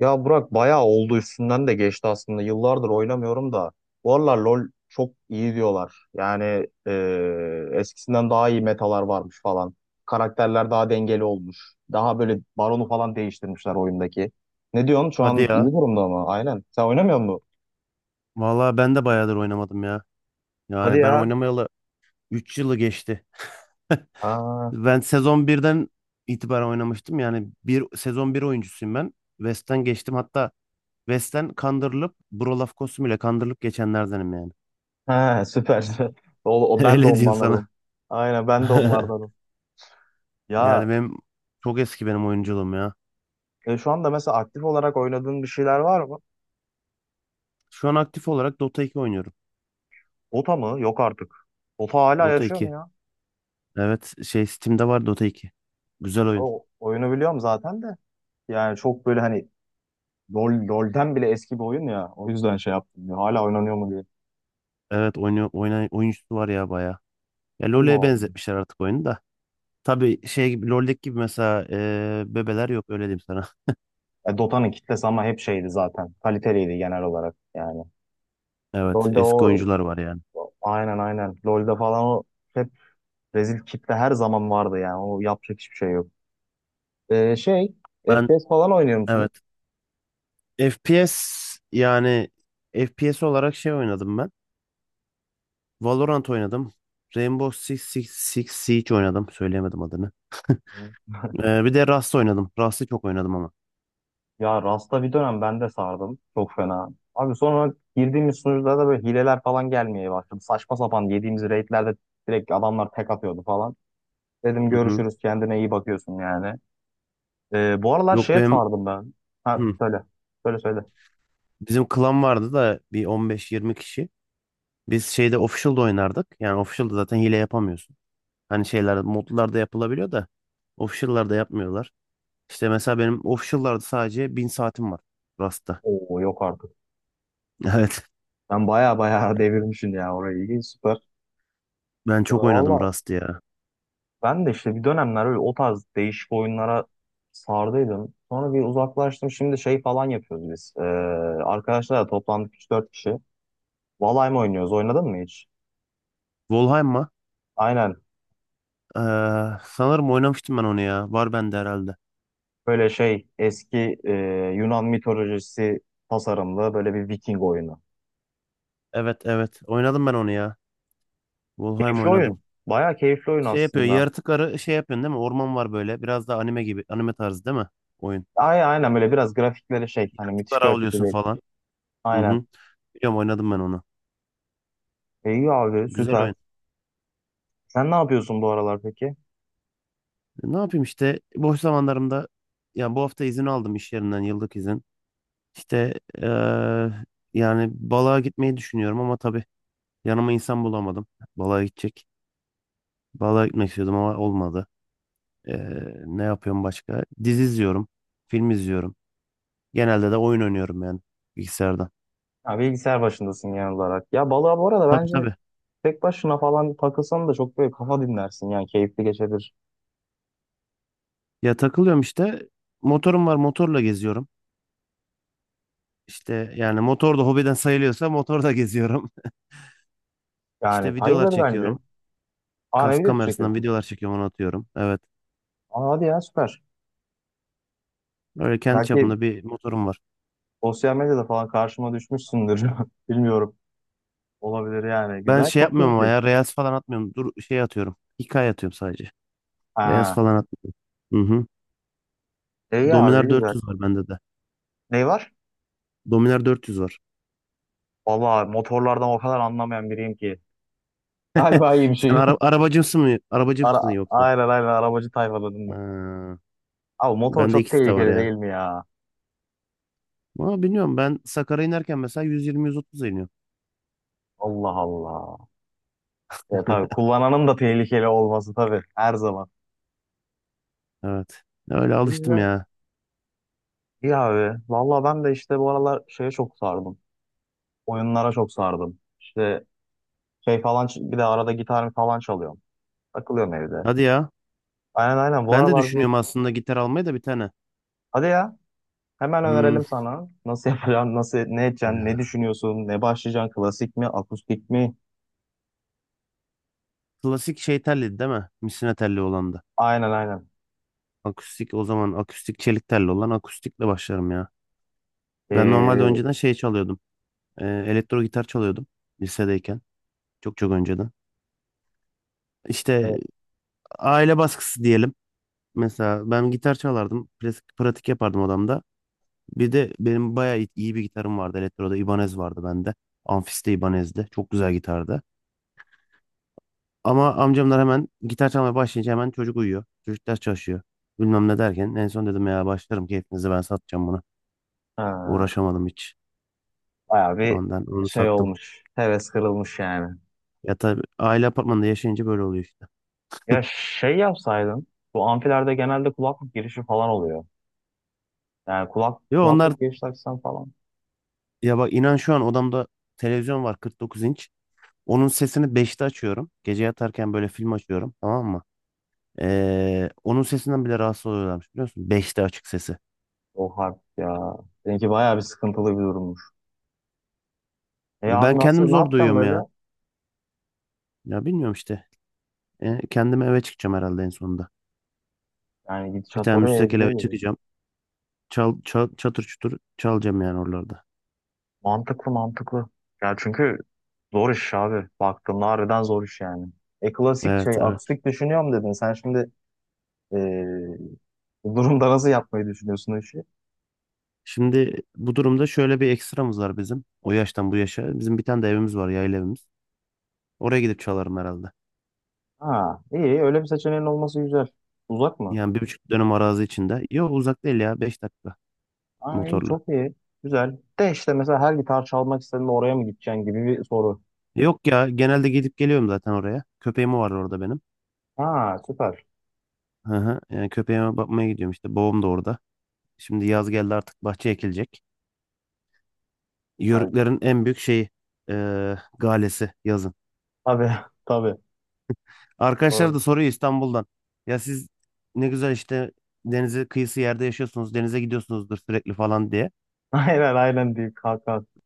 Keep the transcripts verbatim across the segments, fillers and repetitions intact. Ya Burak bayağı oldu üstünden de geçti aslında. Yıllardır oynamıyorum da. Bu aralar LoL çok iyi diyorlar. Yani e, eskisinden daha iyi metalar varmış falan. Karakterler daha dengeli olmuş. Daha böyle baronu falan değiştirmişler oyundaki. Ne diyorsun? Şu Hadi an ya. iyi durumda mı? Aynen. Sen oynamıyor musun? Vallahi ben de bayağıdır oynamadım ya. Hadi Yani ben ya. oynamayalı üç yılı geçti. Aa, Ben sezon birden itibaren oynamıştım. Yani bir sezon bir oyuncusuyum ben. West'ten geçtim. Hatta West'ten kandırılıp Brolaf Kosum ile kandırılıp geçenlerdenim yani. he, süper. O, o, ben de Öyle diyeyim ondanlardım. sana. Aynen ben de onlardanım. Ya Yani benim çok eski, benim oyunculuğum ya. E, şu anda mesela aktif olarak oynadığın bir şeyler var mı? Şu an aktif olarak Dota iki oynuyorum. Ota mı? Yok artık. Ota hala Dota yaşıyor mu iki. ya? Evet, şey, Steam'de var Dota iki. Güzel oyun. O oyunu biliyorum zaten de. Yani çok böyle hani LoL, LoL'den bile eski bir oyun ya. O yüzden şey yaptım. Ya, hala oynanıyor mu diye. Evet oynuyor, oyna, oyuncusu var ya bayağı. Ya LoL'e Allah Allah. benzetmişler artık oyunu da. Tabii şey gibi, LoL'deki gibi mesela eee, bebeler yok, öyle diyeyim sana. E, Dota'nın kitlesi ama hep şeydi zaten. Kaliteliydi genel olarak yani. Evet, LoL'de eski o oyuncular var yani. aynen aynen. LoL'de falan o hep rezil kitle her zaman vardı yani. O yapacak hiçbir şey yok. E, şey Ben, F P S falan oynuyor musun? evet, F P S, yani F P S olarak şey oynadım ben. Valorant oynadım. Rainbow Six, Six, Six Siege oynadım. Söyleyemedim adını. Hiç? Eee, bir de Rust oynadım. Rust'ı çok oynadım ama. Ya Rasta bir dönem ben de sardım. Çok fena. Abi sonra girdiğimiz sunucularda da böyle hileler falan gelmeye başladı. Saçma sapan yediğimiz raidlerde direkt adamlar tek atıyordu falan. Dedim Hı hı. görüşürüz kendine iyi bakıyorsun yani. Ee, bu aralar Yok şeye benim, sardım ben. Ha hı, söyle. Söyle söyle. bizim klan vardı da bir on beş yirmi kişi. Biz şeyde, official'da oynardık. Yani official'da zaten hile yapamıyorsun. Hani şeyler modlarda yapılabiliyor da official'larda yapmıyorlar. İşte mesela benim official'larda sadece bin saatim var Rust'ta. Oo yok artık. Evet. Ben baya baya devirmişim ya orayı. İyi, süper. Ben Ya çok oynadım valla Rust'ı ya. ben de işte bir dönemler öyle o tarz değişik oyunlara sardıydım. Sonra bir uzaklaştım. Şimdi şey falan yapıyoruz biz. Ee, arkadaşlarla toplandık üç dört kişi. Valay mı oynuyoruz. Oynadın mı hiç? Valheim'a Aynen. eee sanırım oynamıştım ben onu ya. Var bende herhalde. Böyle şey eski e, Yunan mitolojisi tasarımlı böyle bir Viking oyunu. Evet evet. Oynadım ben onu ya. Valheim Keyifli oyun. oynadım. Bayağı keyifli oyun Şey yapıyor. aslında. Yaratıkları şey yapıyorsun değil mi? Orman var böyle. Biraz da anime gibi. Anime tarzı değil mi oyun? Ay, aynen böyle biraz grafikleri şey hani müthiş Kuşlar grafikli avlıyorsun değil. falan. Hı Aynen. hı. Biliyorum, oynadım ben onu. E, iyi abi Güzel süper. oyun. Sen ne yapıyorsun bu aralar peki? E, Ne yapayım işte? Boş zamanlarımda, yani bu hafta izin aldım iş yerinden, yıllık izin. İşte, eee, yani balığa gitmeyi düşünüyorum ama tabii yanıma insan bulamadım. Balığa gidecek. Balığa gitmek istiyordum ama olmadı. Eee, ne yapıyorum başka? Dizi izliyorum. Film izliyorum. Genelde de oyun oynuyorum yani, bilgisayardan. Ha, bilgisayar başındasın genel olarak. Ya balığa bu arada Tabii, bence tabii. tek başına falan takılsan da çok böyle kafa dinlersin. Yani keyifli geçebilir. Ya, takılıyorum işte. Motorum var, motorla geziyorum. İşte yani motor da hobiden sayılıyorsa, motorla geziyorum. İşte Yani videolar bayılır bence. çekiyorum. Aa ne Kask video kamerasından çekiyorsun? videolar çekiyorum, onu atıyorum. Evet. Aa hadi ya süper. Öyle kendi Belki çapında bir motorum var. sosyal medyada falan karşıma düşmüşsündür. Bilmiyorum. Olabilir yani. Ben Güzel. şey Çok yapmıyorum ama keyifli. ya, Reels falan atmıyorum. Dur, şey atıyorum, hikaye atıyorum sadece. Reels Ha. falan atmıyorum. Hı hı. İyi abi Dominar güzel. dört yüz var bende de. Ne var? Dominar dört yüz var. Vallahi motorlardan o kadar anlamayan biriyim ki. Galiba iyi bir Sen şey. ara arabacımsın mı? Arabacımsın Ara, yoksa? aynen aynen arabacı tayfaladım ben. Ha, Abi motor bende çok ikisi de var tehlikeli değil ya. mi ya? Ama bilmiyorum, ben Sakarya inerken mesela yüz yirmi yüz otuz iniyorum. Allah Allah. Ya tabii kullananın da tehlikeli olması tabii. Her zaman. Evet. Öyle E, alıştım güzel. ya. İyi abi. Vallahi ben de işte bu aralar şeye çok sardım. Oyunlara çok sardım. İşte şey falan bir de arada gitar falan çalıyorum. Takılıyorum evde. Hadi ya. Aynen aynen bu Ben de aralar bir düşünüyorum aslında gitar almayı da, bir tane. hadi ya hemen Hmm. önerelim sana. Nasıl yapacaksın, nasıl ne edeceksin, ne Ya. düşünüyorsun, ne başlayacaksın, klasik mi, akustik mi? Klasik şey telliydi değil mi? Misina telli olan da. Aynen aynen. Akustik o zaman, akustik çelik telli olan, akustikle başlarım ya. Ben normalde Ee, önceden şey çalıyordum. E, elektro gitar çalıyordum lisedeyken. Çok çok önceden. İşte e, aile baskısı diyelim. Mesela ben gitar çalardım, klasik pratik yapardım odamda. Bir de benim bayağı iyi iyi bir gitarım vardı. Elektroda Ibanez vardı bende. Amfiste Ibanez'di, çok güzel gitardı. Ama amcamlar, hemen gitar çalmaya başlayınca hemen, çocuk uyuyor, çocuk ders çalışıyor, bilmem ne derken, en son dedim ya, başlarım keyfinize, ben satacağım bunu. ha, Uğraşamadım hiç. bayağı bir Ondan onu şey sattım. olmuş. Heves kırılmış yani. Ya tabii, aile apartmanında yaşayınca böyle oluyor işte. Ya şey yapsaydın bu amfilerde genelde kulaklık girişi falan oluyor. Yani kulak Yo, onlar. kulaklık giriş taksan falan. Ya bak, inan, şu an odamda televizyon var kırk dokuz inç. Onun sesini beşte açıyorum. Gece yatarken böyle film açıyorum, tamam mı? Ee, onun sesinden bile rahatsız oluyorlarmış, biliyorsun, beşte açık sesi. O harp ya. Seninki bayağı bir sıkıntılı bir durummuş. E abi Ben nasıl kendim ne zor yapacaksın duyuyorum böyle? ya. Ya bilmiyorum işte. Ee, kendim eve çıkacağım herhalde en sonunda. Yani Bir gidişat tane oraya müstakil gidiyor eve gibi. çıkacağım. Çal, çal, çatır çutur çalacağım yani, oralarda. Mantıklı mantıklı. Ya çünkü zor iş abi. Baktığımda harbiden zor iş yani. E klasik şey Evet evet. akustik düşünüyorum dedin. Sen şimdi e, bu durumda nasıl yapmayı düşünüyorsun o işi? Şimdi bu durumda şöyle bir ekstramız var bizim. O yaştan bu yaşa, bizim bir tane de evimiz var, yayla evimiz. Oraya gidip çalarım herhalde. Ha iyi öyle bir seçeneğin olması güzel. Uzak mı? Yani bir buçuk dönüm arazi içinde. Yok, uzak değil ya. Beş dakika Ha iyi motorla. çok iyi. Güzel. De işte mesela her gitar çalmak istediğinde oraya mı gideceksin gibi bir soru. Yok ya, genelde gidip geliyorum zaten oraya. Köpeğim var orada benim. Ha süper. Hı hı. Yani köpeğime bakmaya gidiyorum işte. Babam da orada. Şimdi yaz geldi artık, bahçe ekilecek. Ya, Yörüklerin en büyük şeyi eee, galesi yazın. tabii tabii. Arkadaşlar Doğru. da soruyor İstanbul'dan. Ya siz ne güzel işte, denize kıyısı yerde yaşıyorsunuz, denize gidiyorsunuzdur sürekli falan diye. Aynen aynen deyip kalk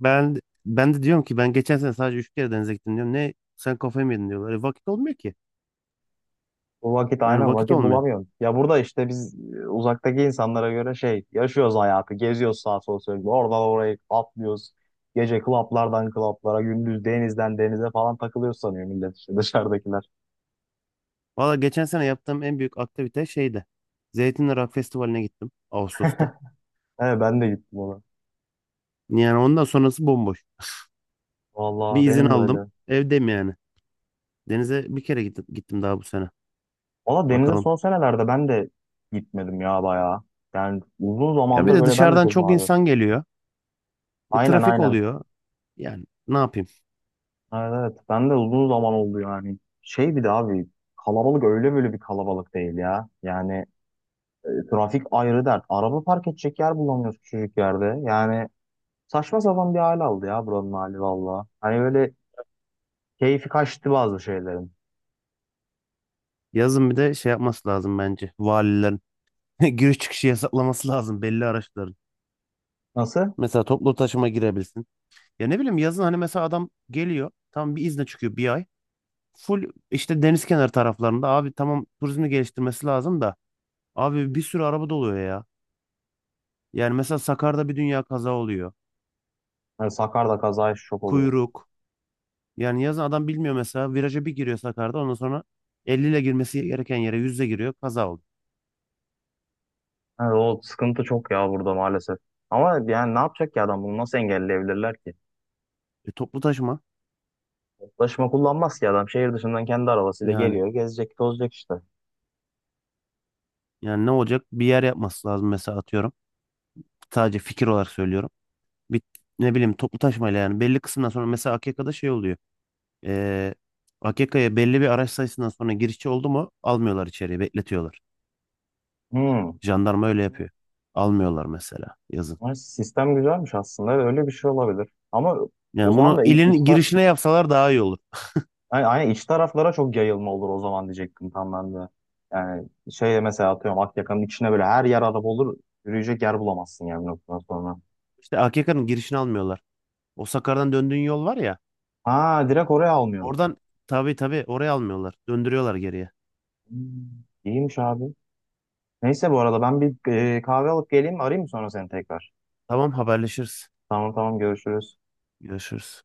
Ben ben de diyorum ki, ben geçen sene sadece üç kere denize gittim diyorum. Ne, sen kafayı mı yedin diyorlar. E, vakit olmuyor ki. bu vakit Yani aynen vakit vakit olmuyor. bulamıyorum. Ya burada işte biz e, uzaktaki insanlara göre şey yaşıyoruz hayatı. Geziyoruz sağa sola sürekli. Oradan oraya atlıyoruz. Gece klaplardan klaplara, gündüz denizden denize falan takılıyoruz sanıyor millet işte dışarıdakiler. Valla geçen sene yaptığım en büyük aktivite şeydi, Zeytinli Rock Festivali'ne gittim Ağustos'ta. Evet ben de gittim ona. Yani ondan sonrası bomboş. Vallahi Bir izin benim de aldım, öyle. evdeyim yani. Denize bir kere gittim, gittim daha bu sene. Valla denize Bakalım. son senelerde ben de gitmedim ya bayağı. Yani uzun Ya bir zamandır de böyle ben de dışarıdan çok çok nadir. insan geliyor. E, Aynen trafik aynen. oluyor. Yani ne yapayım? Evet, evet. Ben de uzun zaman oldu yani. Şey bir de abi kalabalık öyle böyle bir kalabalık değil ya. Yani trafik ayrı dert. Araba park edecek yer bulamıyoruz küçücük yerde. Yani saçma sapan bir hal aldı ya buranın hali valla. Hani böyle keyfi kaçtı bazı şeylerin. Yazın bir de şey yapması lazım bence. Valilerin giriş çıkışı yasaklaması lazım belli araçların. Nasıl? Mesela toplu taşıma girebilsin. Ya ne bileyim, yazın hani mesela adam geliyor, tam bir izne çıkıyor bir ay. Full işte deniz kenarı taraflarında, abi tamam turizmi geliştirmesi lazım da, abi bir sürü araba doluyor ya. Yani mesela Sakarya'da bir dünya kaza oluyor. Hani Sakarya'da kazaya şok oluyor. Kuyruk. Yani yazın adam bilmiyor, mesela viraja bir giriyor Sakarya'da, ondan sonra elli ile girmesi gereken yere yüzle giriyor, kaza oldu. Yani o sıkıntı çok ya burada maalesef. Ama yani ne yapacak ki adam bunu nasıl engelleyebilirler ki? E, toplu taşıma, Taşıma kullanmaz ki adam. Şehir dışından kendi arabasıyla yani geliyor, gezecek, tozacak işte. yani ne olacak, bir yer yapması lazım mesela, atıyorum. Sadece fikir olarak söylüyorum. Bir, ne bileyim, toplu taşımayla yani, belli kısımdan sonra mesela A K K'da şey oluyor. E, A K K'ya belli bir araç sayısından sonra girişçi oldu mu, almıyorlar içeriye, bekletiyorlar. Hmm. Jandarma öyle yapıyor. Almıyorlar mesela yazın. Ay, sistem güzelmiş aslında. Öyle bir şey olabilir. Ama o Yani zaman bunu da ilin girişine yapsalar daha iyi olur. yani aynen iç taraflara çok yayılma olur o zaman diyecektim tam ben de. Yani şey mesela atıyorum Akyaka'nın içine böyle her yer araba olur. Yürüyecek yer bulamazsın yani bir noktadan sonra. İşte A K K'nın girişini almıyorlar. O Sakar'dan döndüğün yol var ya. Ha direkt oraya almıyorlar. Oradan, tabii tabii, oraya almıyorlar. Döndürüyorlar geriye. Hmm, İyiymiş abi. Neyse bu arada ben bir e, kahve alıp geleyim arayayım mı sonra seni tekrar? Tamam, haberleşiriz. Tamam tamam görüşürüz. Görüşürüz.